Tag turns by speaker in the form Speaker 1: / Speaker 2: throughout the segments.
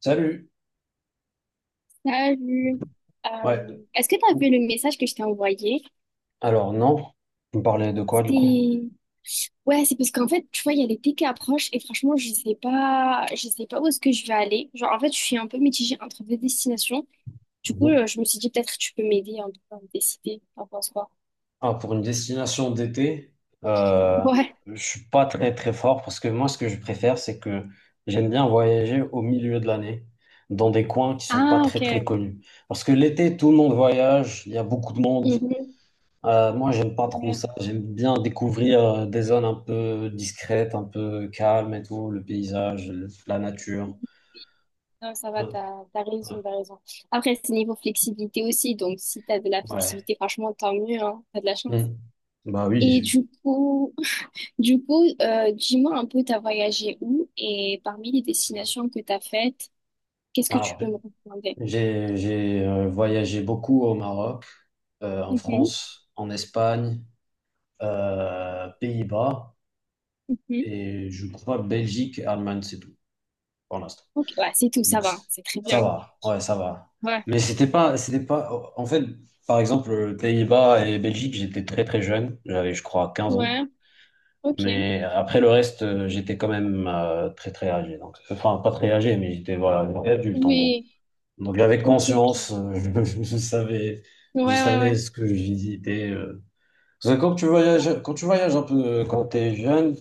Speaker 1: Salut.
Speaker 2: Salut.
Speaker 1: Ouais.
Speaker 2: Est-ce que tu as vu le message que je t'ai envoyé?
Speaker 1: Alors non. Vous me parlez de quoi du coup?
Speaker 2: C'était... Ouais, c'est parce qu'en fait, tu vois, il y a l'été qui approche et franchement, je sais pas où est-ce que je vais aller. Genre, en fait, je suis un peu mitigée entre deux destinations. Du coup,
Speaker 1: Mhm.
Speaker 2: je me suis dit, peut-être que tu peux m'aider un peu à me décider. T'en penses quoi?
Speaker 1: Ah, pour une destination d'été, euh,
Speaker 2: Ouais.
Speaker 1: je suis pas très très fort parce que moi ce que je préfère c'est que j'aime bien voyager au milieu de l'année dans des coins qui sont pas
Speaker 2: Ah, ok.
Speaker 1: très très connus. Parce que l'été tout le monde voyage, il y a beaucoup de monde.
Speaker 2: Mhm,
Speaker 1: Moi j'aime pas trop
Speaker 2: ouais.
Speaker 1: ça. J'aime bien découvrir des zones un peu discrètes, un peu calmes et tout, le paysage, la nature.
Speaker 2: Non, ça va,
Speaker 1: Ouais.
Speaker 2: t'as raison, t'as raison. Après, c'est niveau flexibilité aussi, donc si t'as de la
Speaker 1: Ouais.
Speaker 2: flexibilité, franchement, tant mieux, hein, t'as de la chance.
Speaker 1: Mhm. Bah
Speaker 2: Et
Speaker 1: oui.
Speaker 2: du coup, du coup, dis-moi un peu, t'as voyagé où et parmi les destinations que t'as faites, qu'est-ce que tu
Speaker 1: Alors,
Speaker 2: peux me recommander?
Speaker 1: j'ai, voyagé beaucoup au Maroc, en
Speaker 2: Mhm,
Speaker 1: France, en Espagne, Pays-Bas
Speaker 2: mhm.
Speaker 1: et je crois Belgique, Allemagne, c'est tout pour l'instant.
Speaker 2: Ok, ouais, c'est tout, ça
Speaker 1: Donc
Speaker 2: va,
Speaker 1: c-
Speaker 2: c'est très
Speaker 1: ça
Speaker 2: bien.
Speaker 1: va, ouais, ça va.
Speaker 2: Ouais,
Speaker 1: Mais c'était pas. En fait, par exemple, Pays-Bas et Belgique, j'étais très très jeune, j'avais je crois 15 ans.
Speaker 2: ouais, ok.
Speaker 1: Mais après le reste, j'étais quand même très très âgé. Donc, enfin, pas très âgé, mais j'étais voilà, adulte en gros.
Speaker 2: Oui,
Speaker 1: Donc j'avais
Speaker 2: ok,
Speaker 1: conscience,
Speaker 2: ok.
Speaker 1: je, je savais,
Speaker 2: Ouais,
Speaker 1: je
Speaker 2: ouais,
Speaker 1: savais
Speaker 2: ouais.
Speaker 1: ce que je visitais. Parce que quand tu voyages un peu, quand tu es jeune,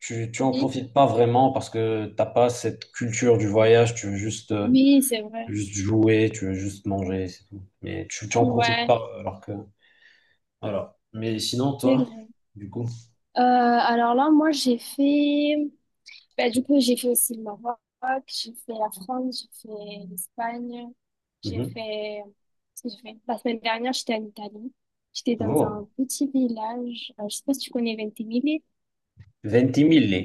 Speaker 1: tu en
Speaker 2: Mhm.
Speaker 1: profites pas vraiment parce que t'as pas cette culture du voyage, tu veux juste,
Speaker 2: Oui, c'est vrai.
Speaker 1: juste jouer, tu veux juste manger, c'est tout. Mais tu en profites
Speaker 2: Ouais,
Speaker 1: pas alors que, voilà. Mais sinon,
Speaker 2: c'est
Speaker 1: toi,
Speaker 2: vrai.
Speaker 1: du coup,
Speaker 2: Alors là, moi, j'ai fait. Bah, du coup, j'ai fait aussi le Maroc, j'ai fait la France, j'ai fait l'Espagne, j'ai
Speaker 1: mhm.
Speaker 2: fait... Qu'est-ce que j'ai fait? La semaine dernière, j'étais en Italie. J'étais dans un
Speaker 1: Oh,
Speaker 2: petit village, je sais pas si tu connais Ventimiglia.
Speaker 1: 20 000.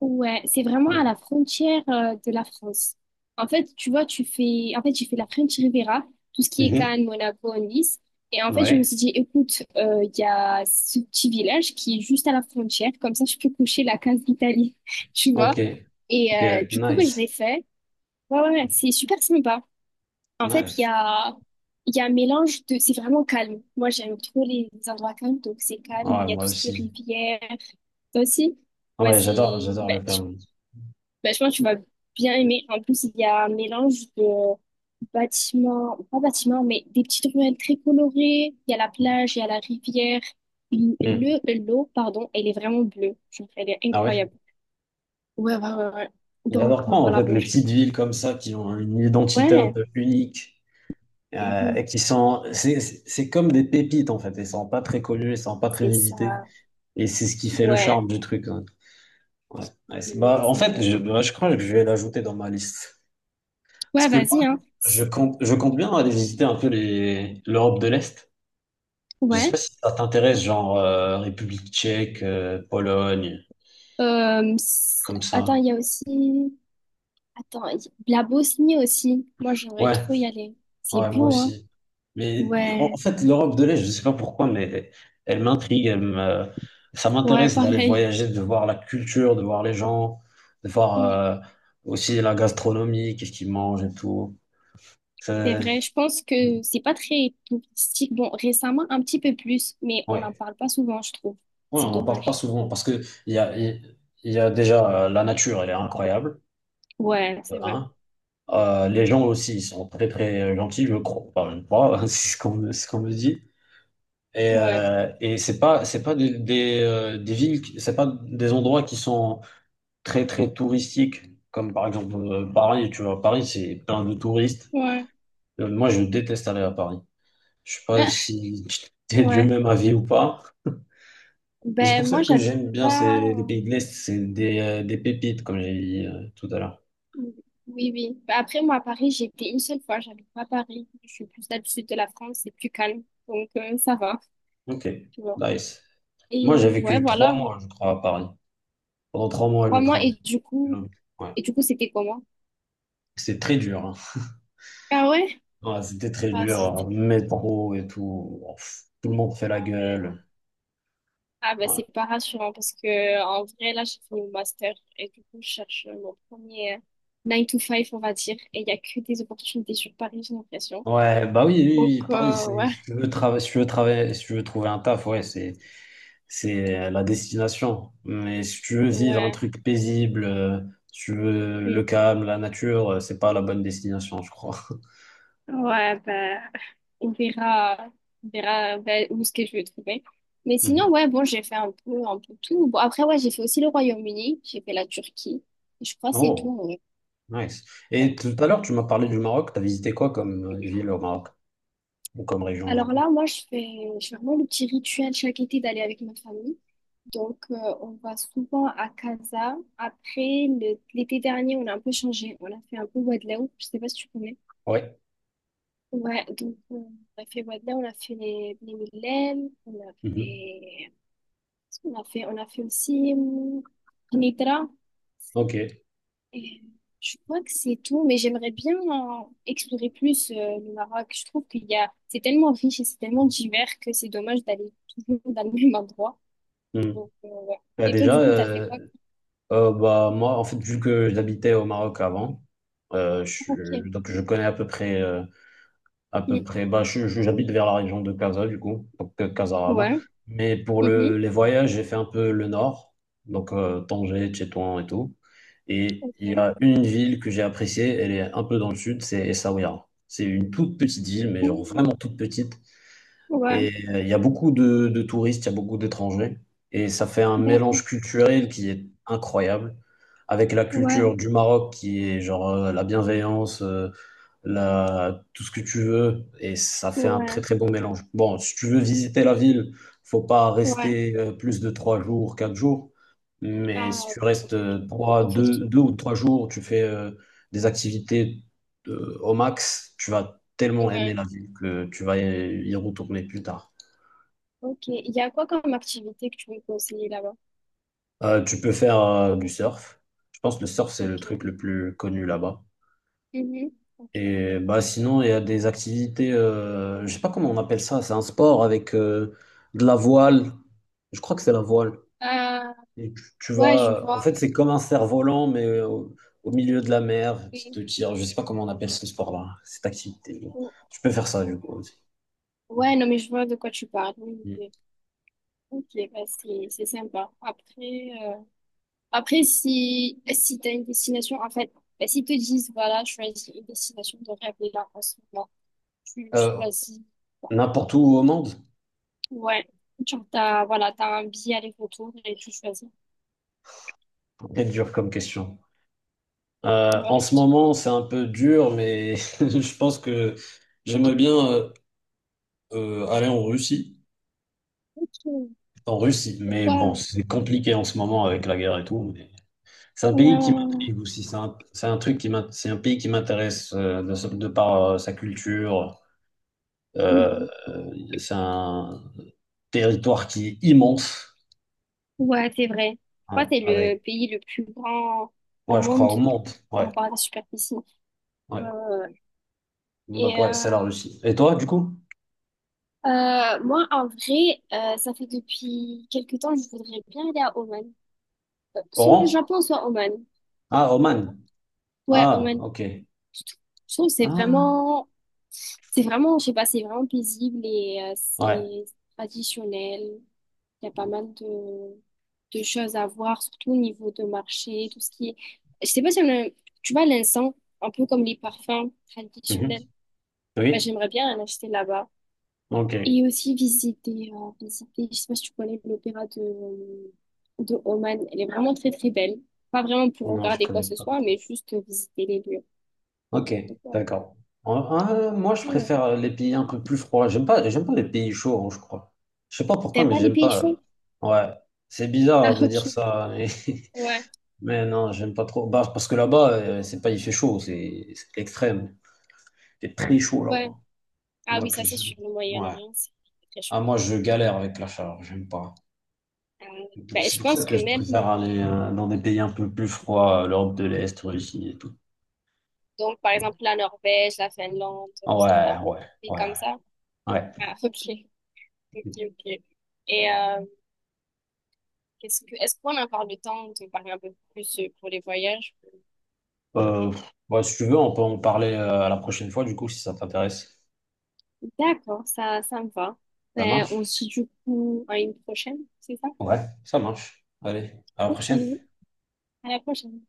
Speaker 2: Ouais, c'est vraiment à la frontière de la France. En fait, tu vois, tu fais, en fait, j'ai fait la French Riviera, tout ce qui est
Speaker 1: Mhm.
Speaker 2: Cannes, Monaco, Nice. Et en fait, je me
Speaker 1: Ouais,
Speaker 2: suis dit, écoute, il y a ce petit village qui est juste à la frontière, comme ça, je peux coucher la case d'Italie, tu
Speaker 1: ok,
Speaker 2: vois. Et
Speaker 1: ok,
Speaker 2: du coup, ben, je l'ai
Speaker 1: nice,
Speaker 2: fait. Ouais, ouais, ouais, c'est super sympa. En fait,
Speaker 1: nice.
Speaker 2: il y a un mélange de, c'est vraiment calme. Moi, j'aime trop les endroits calmes, donc c'est calme.
Speaker 1: Ouais,
Speaker 2: Il y a
Speaker 1: moi
Speaker 2: tout ce qui est
Speaker 1: aussi.
Speaker 2: rivière. Toi aussi? Ouais,
Speaker 1: Ouais,
Speaker 2: c'est,
Speaker 1: j'adore, j'adore le
Speaker 2: ben,
Speaker 1: Vermont.
Speaker 2: bah, je pense que tu vas bien aimer. En plus, il y a un mélange de bâtiments, pas bâtiments, mais des petites ruelles très colorées. Il y a la plage, il y a la rivière. L-
Speaker 1: Hmm.
Speaker 2: Le, l'eau, pardon, elle est vraiment bleue. Genre, elle est
Speaker 1: Ah ouais?
Speaker 2: incroyable. Ouais, ouais, ouais, ouais. Donc,
Speaker 1: J'adore prendre en
Speaker 2: voilà,
Speaker 1: fait
Speaker 2: bon,
Speaker 1: les
Speaker 2: je...
Speaker 1: petites villes comme ça qui ont une identité un
Speaker 2: Ouais,
Speaker 1: peu unique
Speaker 2: mhm,
Speaker 1: et qui sont, c'est comme des pépites en fait. Elles sont pas très connues, elles sont pas très
Speaker 2: c'est
Speaker 1: visitées
Speaker 2: ça.
Speaker 1: et c'est ce qui fait le
Speaker 2: Ouais,
Speaker 1: charme du truc, hein. Ouais. Ouais,
Speaker 2: mhm,
Speaker 1: bah, en
Speaker 2: c'est
Speaker 1: fait,
Speaker 2: vrai.
Speaker 1: bah, je crois que je vais l'ajouter dans ma liste parce
Speaker 2: Ouais,
Speaker 1: que
Speaker 2: vas-y, hein.
Speaker 1: moi, je compte bien aller visiter un peu les l'Europe de l'Est. Je sais pas
Speaker 2: Ouais.
Speaker 1: si ça t'intéresse, genre République tchèque, Pologne, comme
Speaker 2: Attends,
Speaker 1: ça.
Speaker 2: il y a aussi... Attends, il y- la Bosnie aussi. Moi, j'aimerais
Speaker 1: Ouais.
Speaker 2: trop y aller. C'est
Speaker 1: Ouais, moi
Speaker 2: beau, hein?
Speaker 1: aussi. Mais en
Speaker 2: Ouais.
Speaker 1: fait, l'Europe de l'Est, je ne sais pas pourquoi, mais elle m'intrigue, elle me... ça
Speaker 2: Ouais,
Speaker 1: m'intéresse d'aller
Speaker 2: pareil.
Speaker 1: voyager, de voir la culture, de voir les gens, de voir
Speaker 2: Mm.
Speaker 1: euh, aussi la gastronomie, qu'est-ce qu'ils mangent et tout.
Speaker 2: C'est
Speaker 1: C'est-
Speaker 2: vrai, je pense que c'est pas très touristique. Bon, récemment, un petit peu plus, mais on
Speaker 1: Ouais.
Speaker 2: n'en parle pas souvent, je trouve.
Speaker 1: Ouais, on
Speaker 2: C'est
Speaker 1: n'en parle pas
Speaker 2: dommage.
Speaker 1: souvent parce que il y a déjà la nature, elle est incroyable,
Speaker 2: Ouais,
Speaker 1: de
Speaker 2: c'est vrai.
Speaker 1: un. Les gens aussi, ils sont très très gentils, je crois. Enfin, je crois, c'est ce qu'on me dit. Et,
Speaker 2: Ouais,
Speaker 1: c'est pas des villes c'est pas des endroits qui sont très très touristiques, comme par exemple, Paris. Tu vois, Paris c'est plein de touristes.
Speaker 2: ouais,
Speaker 1: Moi je déteste aller à Paris. Je sais pas si t'es du
Speaker 2: ouais.
Speaker 1: même avis ou pas, mais c'est pour
Speaker 2: Ben,
Speaker 1: ça
Speaker 2: moi,
Speaker 1: que
Speaker 2: j'habite
Speaker 1: j'aime bien ces
Speaker 2: pas.
Speaker 1: les pays de l'Est. C'est des pépites, comme j'ai dit tout à l'heure.
Speaker 2: Oui, oui. Ben, après, moi, à Paris, j'ai été une seule fois. J'habite pas à Paris. Je suis plus là du sud de la France, c'est plus calme. Donc, ça va,
Speaker 1: Ok,
Speaker 2: tu vois.
Speaker 1: nice.
Speaker 2: Et
Speaker 1: Moi j'ai
Speaker 2: ouais,
Speaker 1: vécu trois
Speaker 2: voilà.
Speaker 1: mois je crois à Paris, pendant trois mois je
Speaker 2: Trois mois,
Speaker 1: travaille. Ouais,
Speaker 2: et du coup, c'était comment?
Speaker 1: c'est très dur hein.
Speaker 2: Ah ouais?
Speaker 1: Ouais, c'était très
Speaker 2: Ah,
Speaker 1: dur, hein.
Speaker 2: zut.
Speaker 1: Métro et tout. Oh, pff, tout le monde fait la
Speaker 2: Ah ouais.
Speaker 1: gueule.
Speaker 2: Ah bah
Speaker 1: Ouais.
Speaker 2: c'est pas rassurant parce que en vrai là j'ai fini mon master et du coup je cherche mon premier 9 to five on va dire et il y a que des opportunités sur Paris j'ai l'impression.
Speaker 1: Ouais, bah oui,
Speaker 2: Donc
Speaker 1: oui, oui, Paris,
Speaker 2: ouais
Speaker 1: si tu veux travailler, si tu veux travailler, si tu veux trouver un taf, ouais, c'est la destination. Mais si tu veux vivre un
Speaker 2: ouais
Speaker 1: truc paisible, si tu veux le
Speaker 2: mm.
Speaker 1: calme, la nature, c'est pas la bonne destination, je crois.
Speaker 2: Ouais bah on verra on verra bah, où ce que je vais trouver. Mais sinon
Speaker 1: Mhm.
Speaker 2: ouais bon j'ai fait un peu tout. Bon après ouais j'ai fait aussi le Royaume-Uni, j'ai fait la Turquie. Je crois que c'est
Speaker 1: Oh,
Speaker 2: tout.
Speaker 1: nice. Et
Speaker 2: Ouais.
Speaker 1: tout à l'heure, tu m'as parlé du Maroc. T'as visité quoi comme ville au Maroc? Ou comme région, du
Speaker 2: Alors
Speaker 1: coup?
Speaker 2: là, moi, je fais vraiment le petit rituel chaque été d'aller avec ma famille. Donc, on va souvent à Casa. Après, le- l'été dernier, on a un peu changé. On a fait un peu Wadlaou. Je sais pas si tu connais.
Speaker 1: Ouais.
Speaker 2: Ouais, donc on a fait Wadlaou, on a fait les Mylènes, on a
Speaker 1: Mhm.
Speaker 2: fait, on a fait, on a fait aussi Nidra.
Speaker 1: Ok.
Speaker 2: Et je crois que c'est tout, mais j'aimerais bien explorer plus le Maroc. Je trouve qu'il y a, c'est tellement riche et c'est tellement divers que c'est dommage d'aller toujours dans le même endroit.
Speaker 1: Mhm.
Speaker 2: Donc, ouais.
Speaker 1: Bah,
Speaker 2: Et toi,
Speaker 1: déjà,
Speaker 2: du coup, t'as fait quoi?
Speaker 1: Bah, moi, en fait, vu que j'habitais au Maroc avant,
Speaker 2: Ok.
Speaker 1: donc je connais à peu
Speaker 2: Mm.
Speaker 1: près, bah, j'habite vers la région de Casa, du coup, donc Casarama.
Speaker 2: Ouais.
Speaker 1: Mais pour
Speaker 2: Mhm.
Speaker 1: les voyages, j'ai fait un peu le nord, donc Tanger, Tétouan et tout. Et il y
Speaker 2: Ok.
Speaker 1: a une ville que j'ai appréciée, elle est un peu dans le sud, c'est Essaouira. C'est une toute petite ville, mais genre
Speaker 2: Mm.
Speaker 1: vraiment toute petite.
Speaker 2: Ouais.
Speaker 1: Et il y a beaucoup de touristes, il y a beaucoup d'étrangers. Et ça fait un
Speaker 2: D'accord.
Speaker 1: mélange culturel qui est incroyable. Avec la
Speaker 2: Ouais.
Speaker 1: culture du Maroc qui est genre la bienveillance, tout ce que tu veux, et ça fait un très
Speaker 2: Ouais.
Speaker 1: très bon mélange. Bon, si tu veux visiter la ville, faut pas
Speaker 2: Ouais.
Speaker 1: rester plus de trois jours, quatre jours, mais si
Speaker 2: Ah,
Speaker 1: tu restes
Speaker 2: ok, ok. On
Speaker 1: trois,
Speaker 2: fait le tout.
Speaker 1: deux ou trois jours, tu fais des activités au max, tu vas tellement aimer
Speaker 2: Ouais.
Speaker 1: la ville que tu vas y retourner plus tard.
Speaker 2: Ok. Il y a quoi comme activité que tu veux me conseiller là-bas?
Speaker 1: Tu peux faire du surf. Je pense que le surf, c'est le
Speaker 2: Ok.
Speaker 1: truc le plus connu là-bas.
Speaker 2: Mhm. Ok, ok.
Speaker 1: Et bah sinon, il y a des activités, je sais pas comment on appelle ça, c'est un sport avec de la voile. Je crois que c'est la voile.
Speaker 2: Euh,
Speaker 1: Et tu
Speaker 2: ouais, je
Speaker 1: vas, en
Speaker 2: vois.
Speaker 1: fait, c'est comme un cerf-volant, mais au milieu de la mer qui
Speaker 2: Oui.
Speaker 1: te tire. Je sais pas comment on appelle ce sport-là, cette activité. Je peux faire ça du coup aussi.
Speaker 2: Ouais, non, mais je vois de quoi tu parles. Oui, oui,
Speaker 1: Mm.
Speaker 2: oui. Ok, bah c'est sympa. Après, après si, si tu as une destination, en fait, bah, s'ils te disent, voilà, choisis une destination de rêve et là, en ce moment, tu
Speaker 1: Euh,
Speaker 2: choisis.
Speaker 1: n'importe où au monde?
Speaker 2: Ouais, genre, t'as, voilà, t'as un billet aller-retour et tu choisis.
Speaker 1: C'est dur comme question.
Speaker 2: Ouais,
Speaker 1: En ce moment, c'est un peu dur, mais je pense que j'aimerais bien aller en Russie.
Speaker 2: ok.
Speaker 1: En Russie, mais bon,
Speaker 2: Pourquoi?
Speaker 1: c'est compliqué en ce moment avec la guerre et tout, mais c'est un
Speaker 2: Ouais,
Speaker 1: pays
Speaker 2: ouais,
Speaker 1: qui
Speaker 2: ouais. Ouais.
Speaker 1: m'intrigue aussi. C'est un truc c'est un pays qui m'intéresse de par sa culture.
Speaker 2: Mhm.
Speaker 1: C'est un territoire qui est immense.
Speaker 2: Ouais, c'est vrai. Je
Speaker 1: Ouais,
Speaker 2: crois que c'est le
Speaker 1: avec,
Speaker 2: pays le plus grand au
Speaker 1: ouais, je crois
Speaker 2: monde
Speaker 1: au monde.
Speaker 2: par
Speaker 1: Ouais,
Speaker 2: rapport à la superficie.
Speaker 1: ouais.
Speaker 2: Euh,
Speaker 1: Donc ouais, c'est la
Speaker 2: et
Speaker 1: Russie. Et toi, du coup?
Speaker 2: Moi, en vrai, ça fait depuis quelque temps, je voudrais bien aller à Oman. Soit le
Speaker 1: Oran?
Speaker 2: Japon, soit Oman.
Speaker 1: Ah, Oman.
Speaker 2: Ouais,
Speaker 1: Ah,
Speaker 2: Oman.
Speaker 1: ok.
Speaker 2: Je trou- je trouve que
Speaker 1: Ah,
Speaker 2: c'est vraiment, je sais pas, c'est vraiment paisible et
Speaker 1: ouais.
Speaker 2: c'est traditionnel. Il y a pas mal de choses à voir, surtout au niveau de marché, tout ce qui est. Je sais pas si on a, tu vois, l'encens, un peu comme les parfums
Speaker 1: Mhm.
Speaker 2: traditionnels. Bah,
Speaker 1: Oui.
Speaker 2: j'aimerais bien en acheter là-bas.
Speaker 1: Ok.
Speaker 2: Et aussi visiter, visiter, je sais pas si tu connais l'opéra de Oman. Elle est vraiment très très belle. Pas vraiment pour
Speaker 1: Non, je
Speaker 2: regarder quoi
Speaker 1: connais
Speaker 2: que ce
Speaker 1: pas.
Speaker 2: soit, mais juste visiter les lieux.
Speaker 1: Ok,
Speaker 2: Donc, voilà.
Speaker 1: d'accord. Euh, moi, je
Speaker 2: Voilà.
Speaker 1: préfère les pays un peu plus froids. J'aime pas les pays chauds, hein, je crois. Je sais pas pourquoi,
Speaker 2: T'aimes
Speaker 1: mais
Speaker 2: pas les
Speaker 1: j'aime
Speaker 2: pays chauds?
Speaker 1: pas. Ouais, c'est
Speaker 2: Ah
Speaker 1: bizarre de dire
Speaker 2: ok.
Speaker 1: ça, mais,
Speaker 2: Ouais,
Speaker 1: mais non, j'aime pas trop. Bah, parce que là-bas, c'est pas, il fait chaud, c'est l'extrême. Il fait très chaud
Speaker 2: ouais.
Speaker 1: là-bas.
Speaker 2: Ah oui,
Speaker 1: Donc,
Speaker 2: ça c'est
Speaker 1: je-
Speaker 2: sur le
Speaker 1: ouais.
Speaker 2: Moyen-Orient, c'est très
Speaker 1: Ah,
Speaker 2: chaud.
Speaker 1: moi, je galère avec la chaleur, j'aime pas.
Speaker 2: Euh,
Speaker 1: Donc,
Speaker 2: ben,
Speaker 1: c'est
Speaker 2: je
Speaker 1: pour ça
Speaker 2: pense
Speaker 1: que
Speaker 2: que
Speaker 1: je
Speaker 2: même,
Speaker 1: préfère aller dans des pays un peu plus froids, l'Europe de l'Est, Russie et tout.
Speaker 2: donc par exemple la Norvège, la Finlande, tout
Speaker 1: Ouais,
Speaker 2: ça,
Speaker 1: ouais,
Speaker 2: et
Speaker 1: ouais,
Speaker 2: comme ça.
Speaker 1: ouais.
Speaker 2: Ah ok, ok, ok. Et qu'est-ce que, est-ce qu'on a encore le temps de parler un peu plus pour les voyages?
Speaker 1: Euh, ouais, si tu veux, on peut en parler à la prochaine fois, du coup, si ça t'intéresse.
Speaker 2: D'accord, ça me va.
Speaker 1: Ça
Speaker 2: Ben, on
Speaker 1: marche?
Speaker 2: se dit du coup à une prochaine, c'est ça?
Speaker 1: Ouais, ça marche. Allez, à la
Speaker 2: Ok,
Speaker 1: prochaine.
Speaker 2: à la prochaine.